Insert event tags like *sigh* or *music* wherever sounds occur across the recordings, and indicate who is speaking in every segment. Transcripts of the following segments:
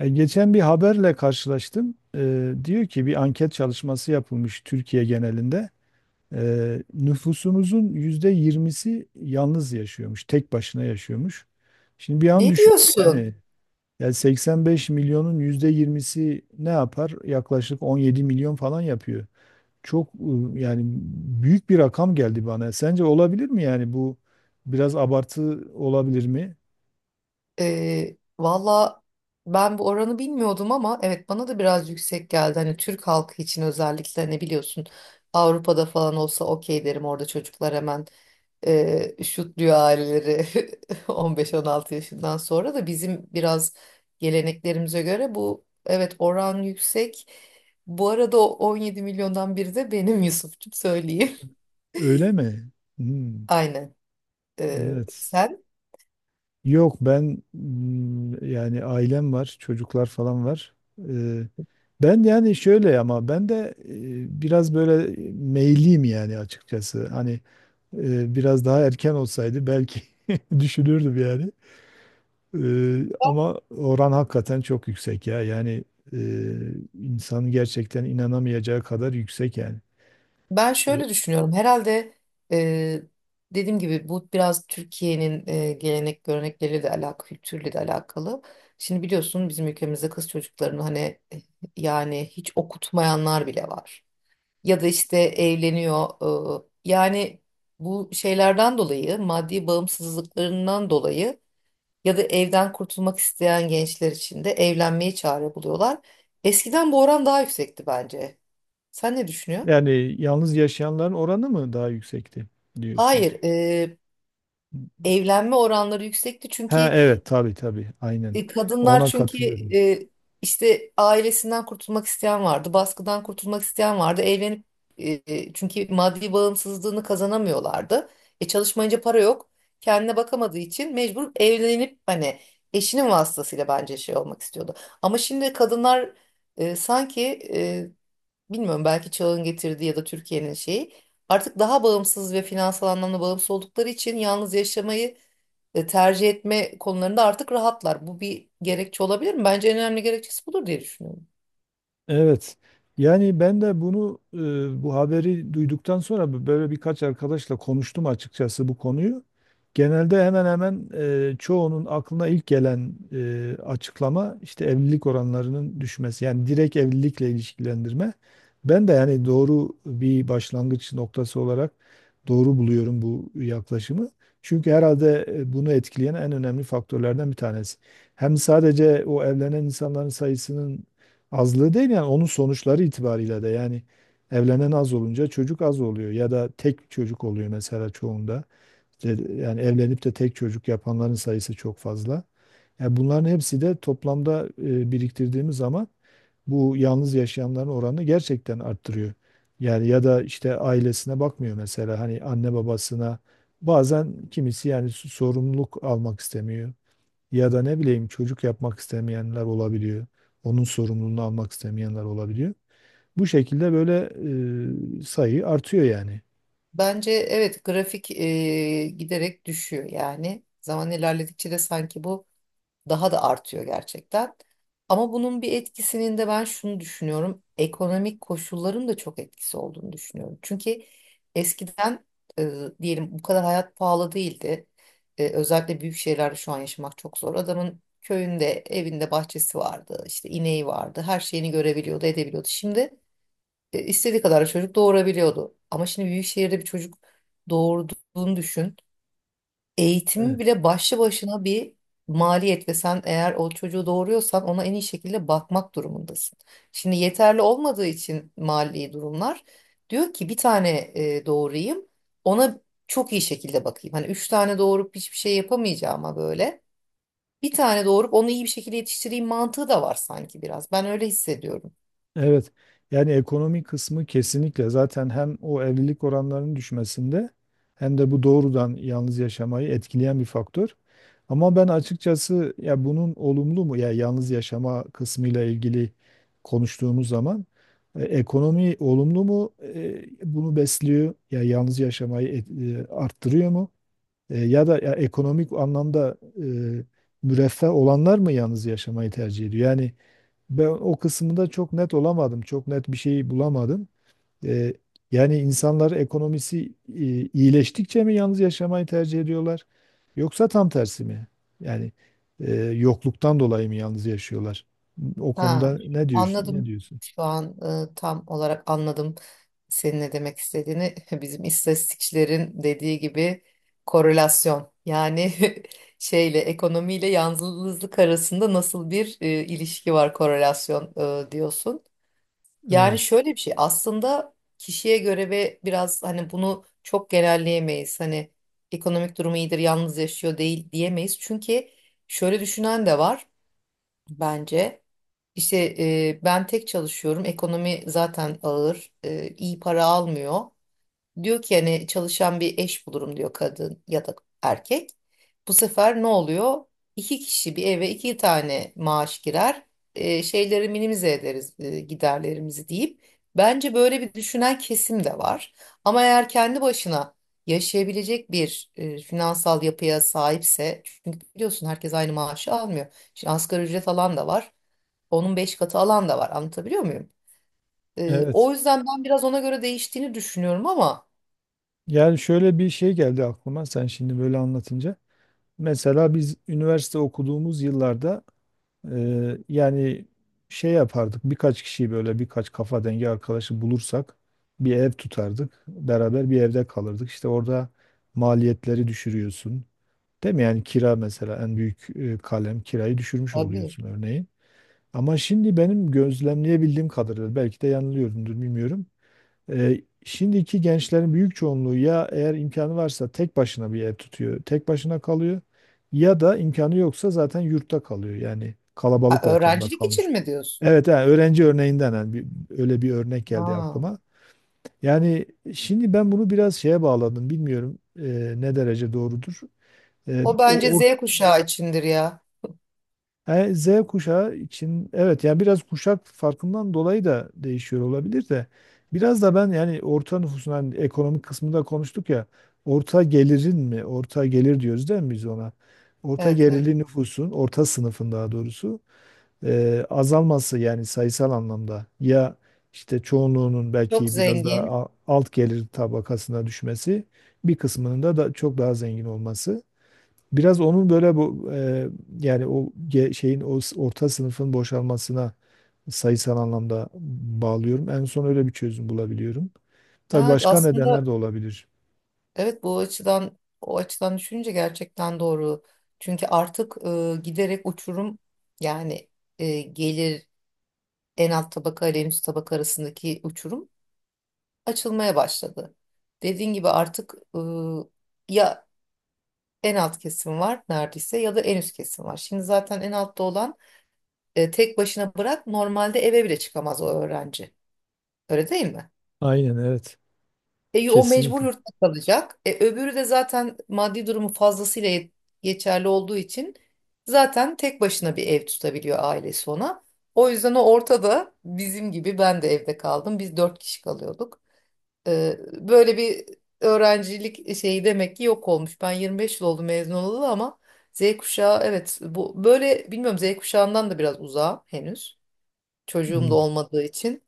Speaker 1: Geçen bir haberle karşılaştım. Diyor ki bir anket çalışması yapılmış Türkiye genelinde. Nüfusumuzun %20'si yalnız yaşıyormuş, tek başına yaşıyormuş. Şimdi bir an
Speaker 2: Ne
Speaker 1: düşündüm
Speaker 2: diyorsun?
Speaker 1: yani, 85 milyonun %20'si ne yapar? Yaklaşık 17 milyon falan yapıyor. Çok yani büyük bir rakam geldi bana. Sence olabilir mi yani bu biraz abartı olabilir mi?
Speaker 2: Valla ben bu oranı bilmiyordum ama evet bana da biraz yüksek geldi. Hani Türk halkı için özellikle ne biliyorsun Avrupa'da falan olsa okey derim, orada çocuklar hemen şutluyor aileleri. *laughs* 15-16 yaşından sonra da bizim biraz geleneklerimize göre bu, evet, oran yüksek. Bu arada o 17 milyondan biri de benim, Yusuf'cum, söyleyeyim.
Speaker 1: Öyle mi?
Speaker 2: *laughs*
Speaker 1: Hmm,
Speaker 2: Aynen.
Speaker 1: evet.
Speaker 2: Sen?
Speaker 1: Yok ben yani ailem var, çocuklar falan var. Ee, Ben yani şöyle ama ben de biraz böyle meyliyim yani açıkçası. Hani biraz daha erken olsaydı belki *laughs* düşünürdüm yani. Ama oran hakikaten çok yüksek ya. Yani e, insanın gerçekten inanamayacağı kadar yüksek yani.
Speaker 2: Ben
Speaker 1: E,
Speaker 2: şöyle düşünüyorum. Herhalde e, dediğim gibi bu biraz Türkiye'nin gelenek görenekleriyle de alakalı, kültürle de alakalı. Şimdi biliyorsun bizim ülkemizde kız çocuklarını hani e, yani hiç okutmayanlar bile var. Ya da işte evleniyor. Yani bu şeylerden dolayı, maddi bağımsızlıklarından dolayı ya da evden kurtulmak isteyen gençler için de evlenmeyi çare buluyorlar. Eskiden bu oran daha yüksekti bence. Sen ne düşünüyorsun?
Speaker 1: Yani yalnız yaşayanların oranı mı daha yüksekti diyorsun?
Speaker 2: Hayır, evlenme oranları yüksekti
Speaker 1: Ha,
Speaker 2: çünkü
Speaker 1: evet, tabii tabii, aynen.
Speaker 2: kadınlar
Speaker 1: Ona
Speaker 2: çünkü
Speaker 1: katılıyorum.
Speaker 2: e, işte ailesinden kurtulmak isteyen vardı, baskıdan kurtulmak isteyen vardı. Evlenip, çünkü maddi bağımsızlığını kazanamıyorlardı. E çalışmayınca para yok. Kendine bakamadığı için mecbur evlenip hani eşinin vasıtasıyla bence şey olmak istiyordu. Ama şimdi kadınlar sanki e, bilmiyorum, belki çağın getirdiği ya da Türkiye'nin şeyi, artık daha bağımsız ve finansal anlamda bağımsız oldukları için yalnız yaşamayı tercih etme konularında artık rahatlar. Bu bir gerekçe olabilir mi? Bence en önemli gerekçesi budur diye düşünüyorum.
Speaker 1: Evet. Yani ben de bunu bu haberi duyduktan sonra böyle birkaç arkadaşla konuştum açıkçası bu konuyu. Genelde hemen hemen çoğunun aklına ilk gelen açıklama işte evlilik oranlarının düşmesi. Yani direkt evlilikle ilişkilendirme. Ben de yani doğru bir başlangıç noktası olarak doğru buluyorum bu yaklaşımı. Çünkü herhalde bunu etkileyen en önemli faktörlerden bir tanesi. Hem sadece o evlenen insanların sayısının azlığı değil yani onun sonuçları itibariyle de yani evlenen az olunca çocuk az oluyor ya da tek çocuk oluyor mesela çoğunda. İşte yani evlenip de tek çocuk yapanların sayısı çok fazla. Yani bunların hepsi de toplamda biriktirdiğimiz zaman bu yalnız yaşayanların oranını gerçekten arttırıyor. Yani ya da işte ailesine bakmıyor mesela hani anne babasına bazen kimisi yani sorumluluk almak istemiyor. Ya da ne bileyim çocuk yapmak istemeyenler olabiliyor. Onun sorumluluğunu almak istemeyenler olabiliyor. Bu şekilde böyle sayı artıyor yani.
Speaker 2: Bence evet, grafik giderek düşüyor yani. Zaman ilerledikçe de sanki bu daha da artıyor gerçekten. Ama bunun bir etkisinin de ben şunu düşünüyorum. Ekonomik koşulların da çok etkisi olduğunu düşünüyorum. Çünkü eskiden e, diyelim, bu kadar hayat pahalı değildi. E, özellikle büyük şehirlerde şu an yaşamak çok zor. Adamın köyünde, evinde bahçesi vardı, işte ineği vardı. Her şeyini görebiliyordu, edebiliyordu. Şimdi istediği kadar çocuk doğurabiliyordu. Ama şimdi büyük şehirde bir çocuk doğurduğunu düşün. Eğitimi
Speaker 1: Evet.
Speaker 2: bile başlı başına bir maliyet ve sen eğer o çocuğu doğuruyorsan ona en iyi şekilde bakmak durumundasın. Şimdi yeterli olmadığı için mali durumlar, diyor ki bir tane doğurayım, ona çok iyi şekilde bakayım. Hani üç tane doğurup hiçbir şey yapamayacağıma böyle bir tane doğurup onu iyi bir şekilde yetiştireyim mantığı da var sanki biraz. Ben öyle hissediyorum.
Speaker 1: Evet. Yani ekonomi kısmı kesinlikle zaten hem o evlilik oranlarının düşmesinde hem de bu doğrudan yalnız yaşamayı etkileyen bir faktör. Ama ben açıkçası ya bunun olumlu mu ya yalnız yaşama kısmıyla ilgili konuştuğumuz zaman ekonomi olumlu mu, bunu besliyor ya yalnız yaşamayı arttırıyor mu? Ya da ya ekonomik anlamda müreffeh olanlar mı yalnız yaşamayı tercih ediyor? Yani ben o kısmında çok net olamadım, çok net bir şey bulamadım. E, Yani insanlar ekonomisi iyileştikçe mi yalnız yaşamayı tercih ediyorlar? Yoksa tam tersi mi? Yani yokluktan dolayı mı yalnız yaşıyorlar? O
Speaker 2: Ha,
Speaker 1: konuda ne diyorsun? Ne
Speaker 2: anladım.
Speaker 1: diyorsun?
Speaker 2: Şu an tam olarak anladım senin ne demek istediğini. *laughs* Bizim istatistikçilerin dediği gibi korelasyon yani *laughs* şeyle, ekonomiyle yalnızlık arasında nasıl bir ilişki var, korelasyon diyorsun. Yani
Speaker 1: Evet.
Speaker 2: şöyle bir şey, aslında kişiye göre ve biraz hani bunu çok genelleyemeyiz. Hani ekonomik durumu iyidir, yalnız yaşıyor değil diyemeyiz. Çünkü şöyle düşünen de var bence. İşte ben tek çalışıyorum. Ekonomi zaten ağır. E, iyi para almıyor. Diyor ki hani çalışan bir eş bulurum diyor kadın ya da erkek. Bu sefer ne oluyor? İki kişi bir eve iki tane maaş girer. E, şeyleri minimize ederiz, giderlerimizi deyip. Bence böyle bir düşünen kesim de var. Ama eğer kendi başına yaşayabilecek bir finansal yapıya sahipse, çünkü biliyorsun herkes aynı maaşı almıyor. Şimdi asgari ücret alan da var. Onun beş katı alan da var. Anlatabiliyor muyum? E,
Speaker 1: Evet.
Speaker 2: o yüzden ben biraz ona göre değiştiğini düşünüyorum ama.
Speaker 1: Yani şöyle bir şey geldi aklıma sen şimdi böyle anlatınca. Mesela biz üniversite okuduğumuz yıllarda yani şey yapardık, birkaç kişiyi böyle, birkaç kafa dengi arkadaşı bulursak bir ev tutardık. Beraber bir evde kalırdık. İşte orada maliyetleri düşürüyorsun. Değil mi? Yani kira mesela en büyük kalem, kirayı düşürmüş
Speaker 2: Abi.
Speaker 1: oluyorsun örneğin. Ama şimdi benim gözlemleyebildiğim kadarıyla, belki de yanılıyorumdur bilmiyorum, şimdiki gençlerin büyük çoğunluğu ya eğer imkanı varsa tek başına bir ev tutuyor, tek başına kalıyor, ya da imkanı yoksa zaten yurtta kalıyor. Yani
Speaker 2: Ha,
Speaker 1: kalabalık ortamda
Speaker 2: öğrencilik
Speaker 1: kalmış.
Speaker 2: için mi diyorsun?
Speaker 1: Evet, yani öğrenci örneğinden yani öyle bir örnek geldi
Speaker 2: Ha.
Speaker 1: aklıma. Yani şimdi ben bunu biraz şeye bağladım. Bilmiyorum ne derece doğrudur. E,
Speaker 2: O bence
Speaker 1: o,
Speaker 2: Z kuşağı içindir ya.
Speaker 1: Yani Z kuşağı için evet, yani biraz kuşak farkından dolayı da değişiyor olabilir, de biraz da ben yani orta nüfusun, hani ekonomik kısmında konuştuk ya, orta gelirin mi, orta gelir diyoruz değil mi biz ona? Orta
Speaker 2: Evet, evet.
Speaker 1: gelirli nüfusun, orta sınıfın daha doğrusu azalması yani sayısal anlamda ya, işte çoğunluğunun
Speaker 2: Çok
Speaker 1: belki biraz daha
Speaker 2: zengin.
Speaker 1: alt gelir tabakasına düşmesi, bir kısmının da çok daha zengin olması. Biraz onun böyle bu yani o şeyin, o orta sınıfın boşalmasına sayısal anlamda bağlıyorum. En son öyle bir çözüm bulabiliyorum. Tabii
Speaker 2: Ya
Speaker 1: başka nedenler
Speaker 2: aslında
Speaker 1: de olabilir.
Speaker 2: evet, bu açıdan, o açıdan düşününce gerçekten doğru. Çünkü artık giderek uçurum yani, gelir, en alt tabaka ile en üst tabaka arasındaki uçurum açılmaya başladı. Dediğin gibi artık ya en alt kesim var neredeyse ya da en üst kesim var. Şimdi zaten en altta olan, E, tek başına bırak, normalde eve bile çıkamaz o öğrenci. Öyle değil mi?
Speaker 1: Aynen evet.
Speaker 2: E, o mecbur
Speaker 1: Kesinlikle.
Speaker 2: yurtta kalacak. E, öbürü de zaten maddi durumu fazlasıyla yet- geçerli olduğu için zaten tek başına bir ev tutabiliyor, ailesi ona. O yüzden o ortada, bizim gibi, ben de evde kaldım. Biz dört kişi kalıyorduk. E, böyle bir öğrencilik şeyi demek ki yok olmuş. Ben 25 yıl oldu mezun olalı ama Z kuşağı, evet bu böyle, bilmiyorum, Z kuşağından da biraz uzağa henüz, çocuğum da
Speaker 1: Hı,
Speaker 2: olmadığı için.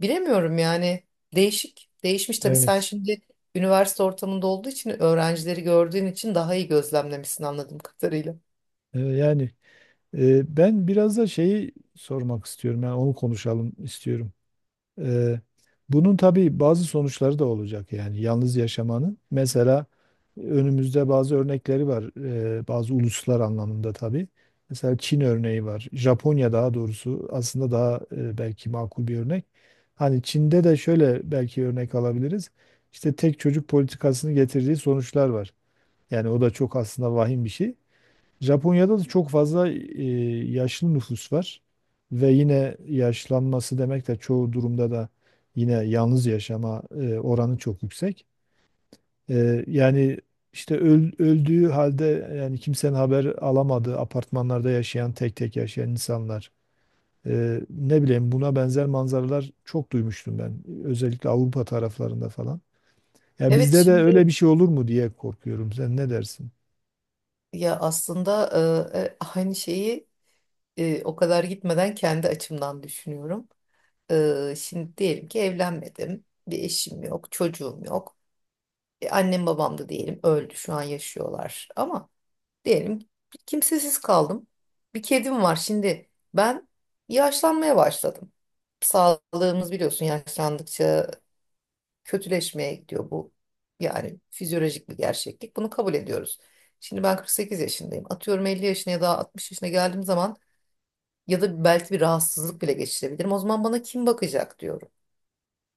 Speaker 2: Bilemiyorum yani, değişik. Değişmiş tabii, sen
Speaker 1: evet.
Speaker 2: şimdi üniversite ortamında olduğu için, öğrencileri gördüğün için daha iyi gözlemlemişsin anladığım kadarıyla.
Speaker 1: Yani ben biraz da şeyi sormak istiyorum. Yani onu konuşalım istiyorum. Ee, Bunun tabii bazı sonuçları da olacak yani yalnız yaşamanın. Mesela önümüzde bazı örnekleri var. Bazı uluslar anlamında tabii. Mesela Çin örneği var. Japonya daha doğrusu aslında daha belki makul bir örnek. Hani Çin'de de şöyle belki örnek alabiliriz. İşte tek çocuk politikasını getirdiği sonuçlar var. Yani o da çok aslında vahim bir şey. Japonya'da da çok fazla yaşlı nüfus var ve yine yaşlanması demek de çoğu durumda da yine yalnız yaşama oranı çok yüksek. Yani işte öldüğü halde yani kimsenin haber alamadığı apartmanlarda yaşayan, tek tek yaşayan insanlar. Ne bileyim buna benzer manzaralar çok duymuştum ben, özellikle Avrupa taraflarında falan. Ya
Speaker 2: Evet
Speaker 1: bizde de
Speaker 2: şimdi,
Speaker 1: öyle bir şey olur mu diye korkuyorum. Sen ne dersin?
Speaker 2: ya aslında aynı şeyi o kadar gitmeden kendi açımdan düşünüyorum. Şimdi diyelim ki evlenmedim. Bir eşim yok, çocuğum yok. E, annem babam da diyelim öldü, şu an yaşıyorlar. Ama diyelim kimsesiz kaldım. Bir kedim var. Şimdi ben yaşlanmaya başladım. Sağlığımız biliyorsun yaşlandıkça kötüleşmeye gidiyor bu. Yani fizyolojik bir gerçeklik. Bunu kabul ediyoruz. Şimdi ben 48 yaşındayım. Atıyorum 50 yaşına ya da 60 yaşına geldiğim zaman ya da belki bir rahatsızlık bile geçirebilirim. O zaman bana kim bakacak diyorum.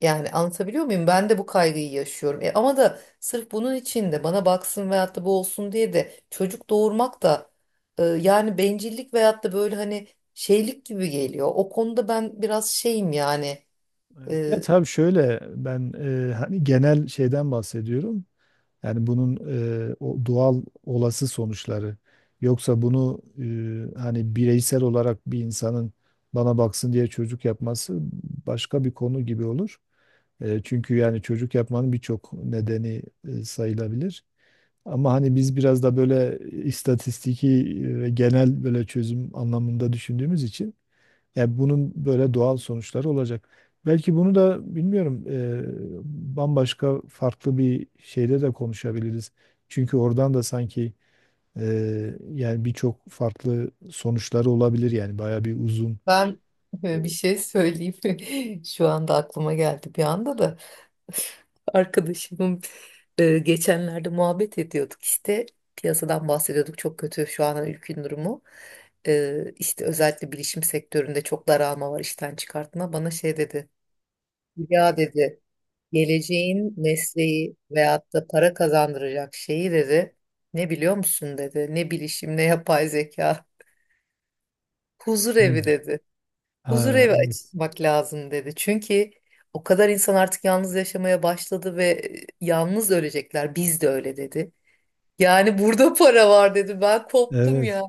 Speaker 2: Yani anlatabiliyor muyum? Ben de bu kaygıyı yaşıyorum. E, ama da sırf bunun için de bana baksın veyahut da bu olsun diye de çocuk doğurmak da yani bencillik veyahut da böyle hani şeylik gibi geliyor. O konuda ben biraz şeyim yani.
Speaker 1: Evet. Ya
Speaker 2: E,
Speaker 1: tabii şöyle, ben hani genel şeyden bahsediyorum. Yani bunun o doğal olası sonuçları. Yoksa bunu hani bireysel olarak bir insanın bana baksın diye çocuk yapması başka bir konu gibi olur. Çünkü yani çocuk yapmanın birçok nedeni sayılabilir. Ama hani biz biraz da böyle istatistiki ve genel böyle çözüm anlamında düşündüğümüz için, yani bunun böyle doğal sonuçları olacak. Belki bunu da bilmiyorum bambaşka farklı bir şeyde de konuşabiliriz. Çünkü oradan da sanki e, yani birçok farklı sonuçları olabilir, yani bayağı bir uzun.
Speaker 2: Ben *laughs* bir şey söyleyeyim. *laughs* Şu anda aklıma geldi bir anda da. Arkadaşımın geçenlerde muhabbet ediyorduk işte, piyasadan bahsediyorduk, çok kötü şu an ülkenin durumu. E, işte özellikle bilişim sektöründe çok daralma var, işten çıkartma, bana şey dedi, ya dedi, geleceğin mesleği veyahut da para kazandıracak şeyi dedi ne biliyor musun dedi, ne bilişim ne yapay zeka, huzur evi
Speaker 1: Hmm.
Speaker 2: dedi. Huzur
Speaker 1: Ha,
Speaker 2: evi
Speaker 1: evet.
Speaker 2: açmak lazım dedi. Çünkü o kadar insan artık yalnız yaşamaya başladı ve yalnız ölecekler. Biz de öyle dedi. Yani burada para var dedi. Ben koptum
Speaker 1: Evet.
Speaker 2: yani.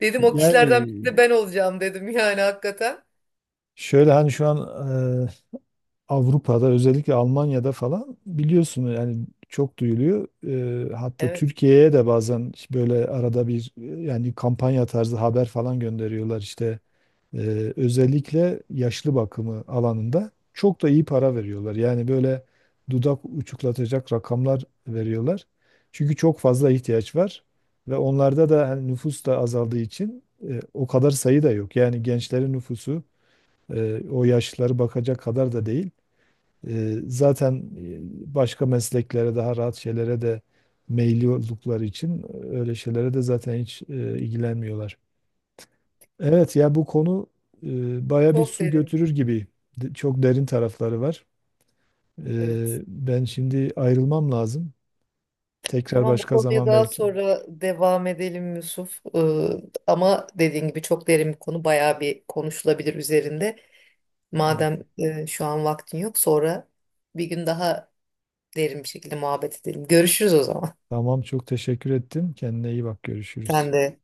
Speaker 2: Dedim o kişilerden biri
Speaker 1: Yani
Speaker 2: de ben olacağım dedim yani, hakikaten.
Speaker 1: şöyle, hani şu an e, Avrupa'da özellikle Almanya'da falan biliyorsun yani çok duyuluyor. Hatta
Speaker 2: Evet.
Speaker 1: Türkiye'ye de bazen böyle arada bir yani kampanya tarzı haber falan gönderiyorlar işte. Özellikle yaşlı bakımı alanında çok da iyi para veriyorlar. Yani böyle dudak uçuklatacak rakamlar veriyorlar. Çünkü çok fazla ihtiyaç var ve onlarda da, hani nüfus da azaldığı için o kadar sayı da yok. Yani gençlerin nüfusu o yaşlıları bakacak kadar da değil. Zaten başka mesleklere, daha rahat şeylere de meyilli oldukları için öyle şeylere de zaten hiç ilgilenmiyorlar. Evet ya, bu konu baya bir
Speaker 2: Çok
Speaker 1: su
Speaker 2: derin.
Speaker 1: götürür gibi. Çok derin tarafları var.
Speaker 2: Evet.
Speaker 1: Ben şimdi ayrılmam lazım. Tekrar
Speaker 2: Tamam, bu
Speaker 1: başka
Speaker 2: konuya
Speaker 1: zaman
Speaker 2: daha
Speaker 1: belki.
Speaker 2: sonra devam edelim Yusuf. Ama dediğin gibi çok derin bir konu. Bayağı bir konuşulabilir üzerinde.
Speaker 1: Evet.
Speaker 2: Madem şu an vaktin yok, sonra bir gün daha derin bir şekilde muhabbet edelim. Görüşürüz o zaman.
Speaker 1: Tamam, çok teşekkür ettim. Kendine iyi bak, görüşürüz.
Speaker 2: Sen de.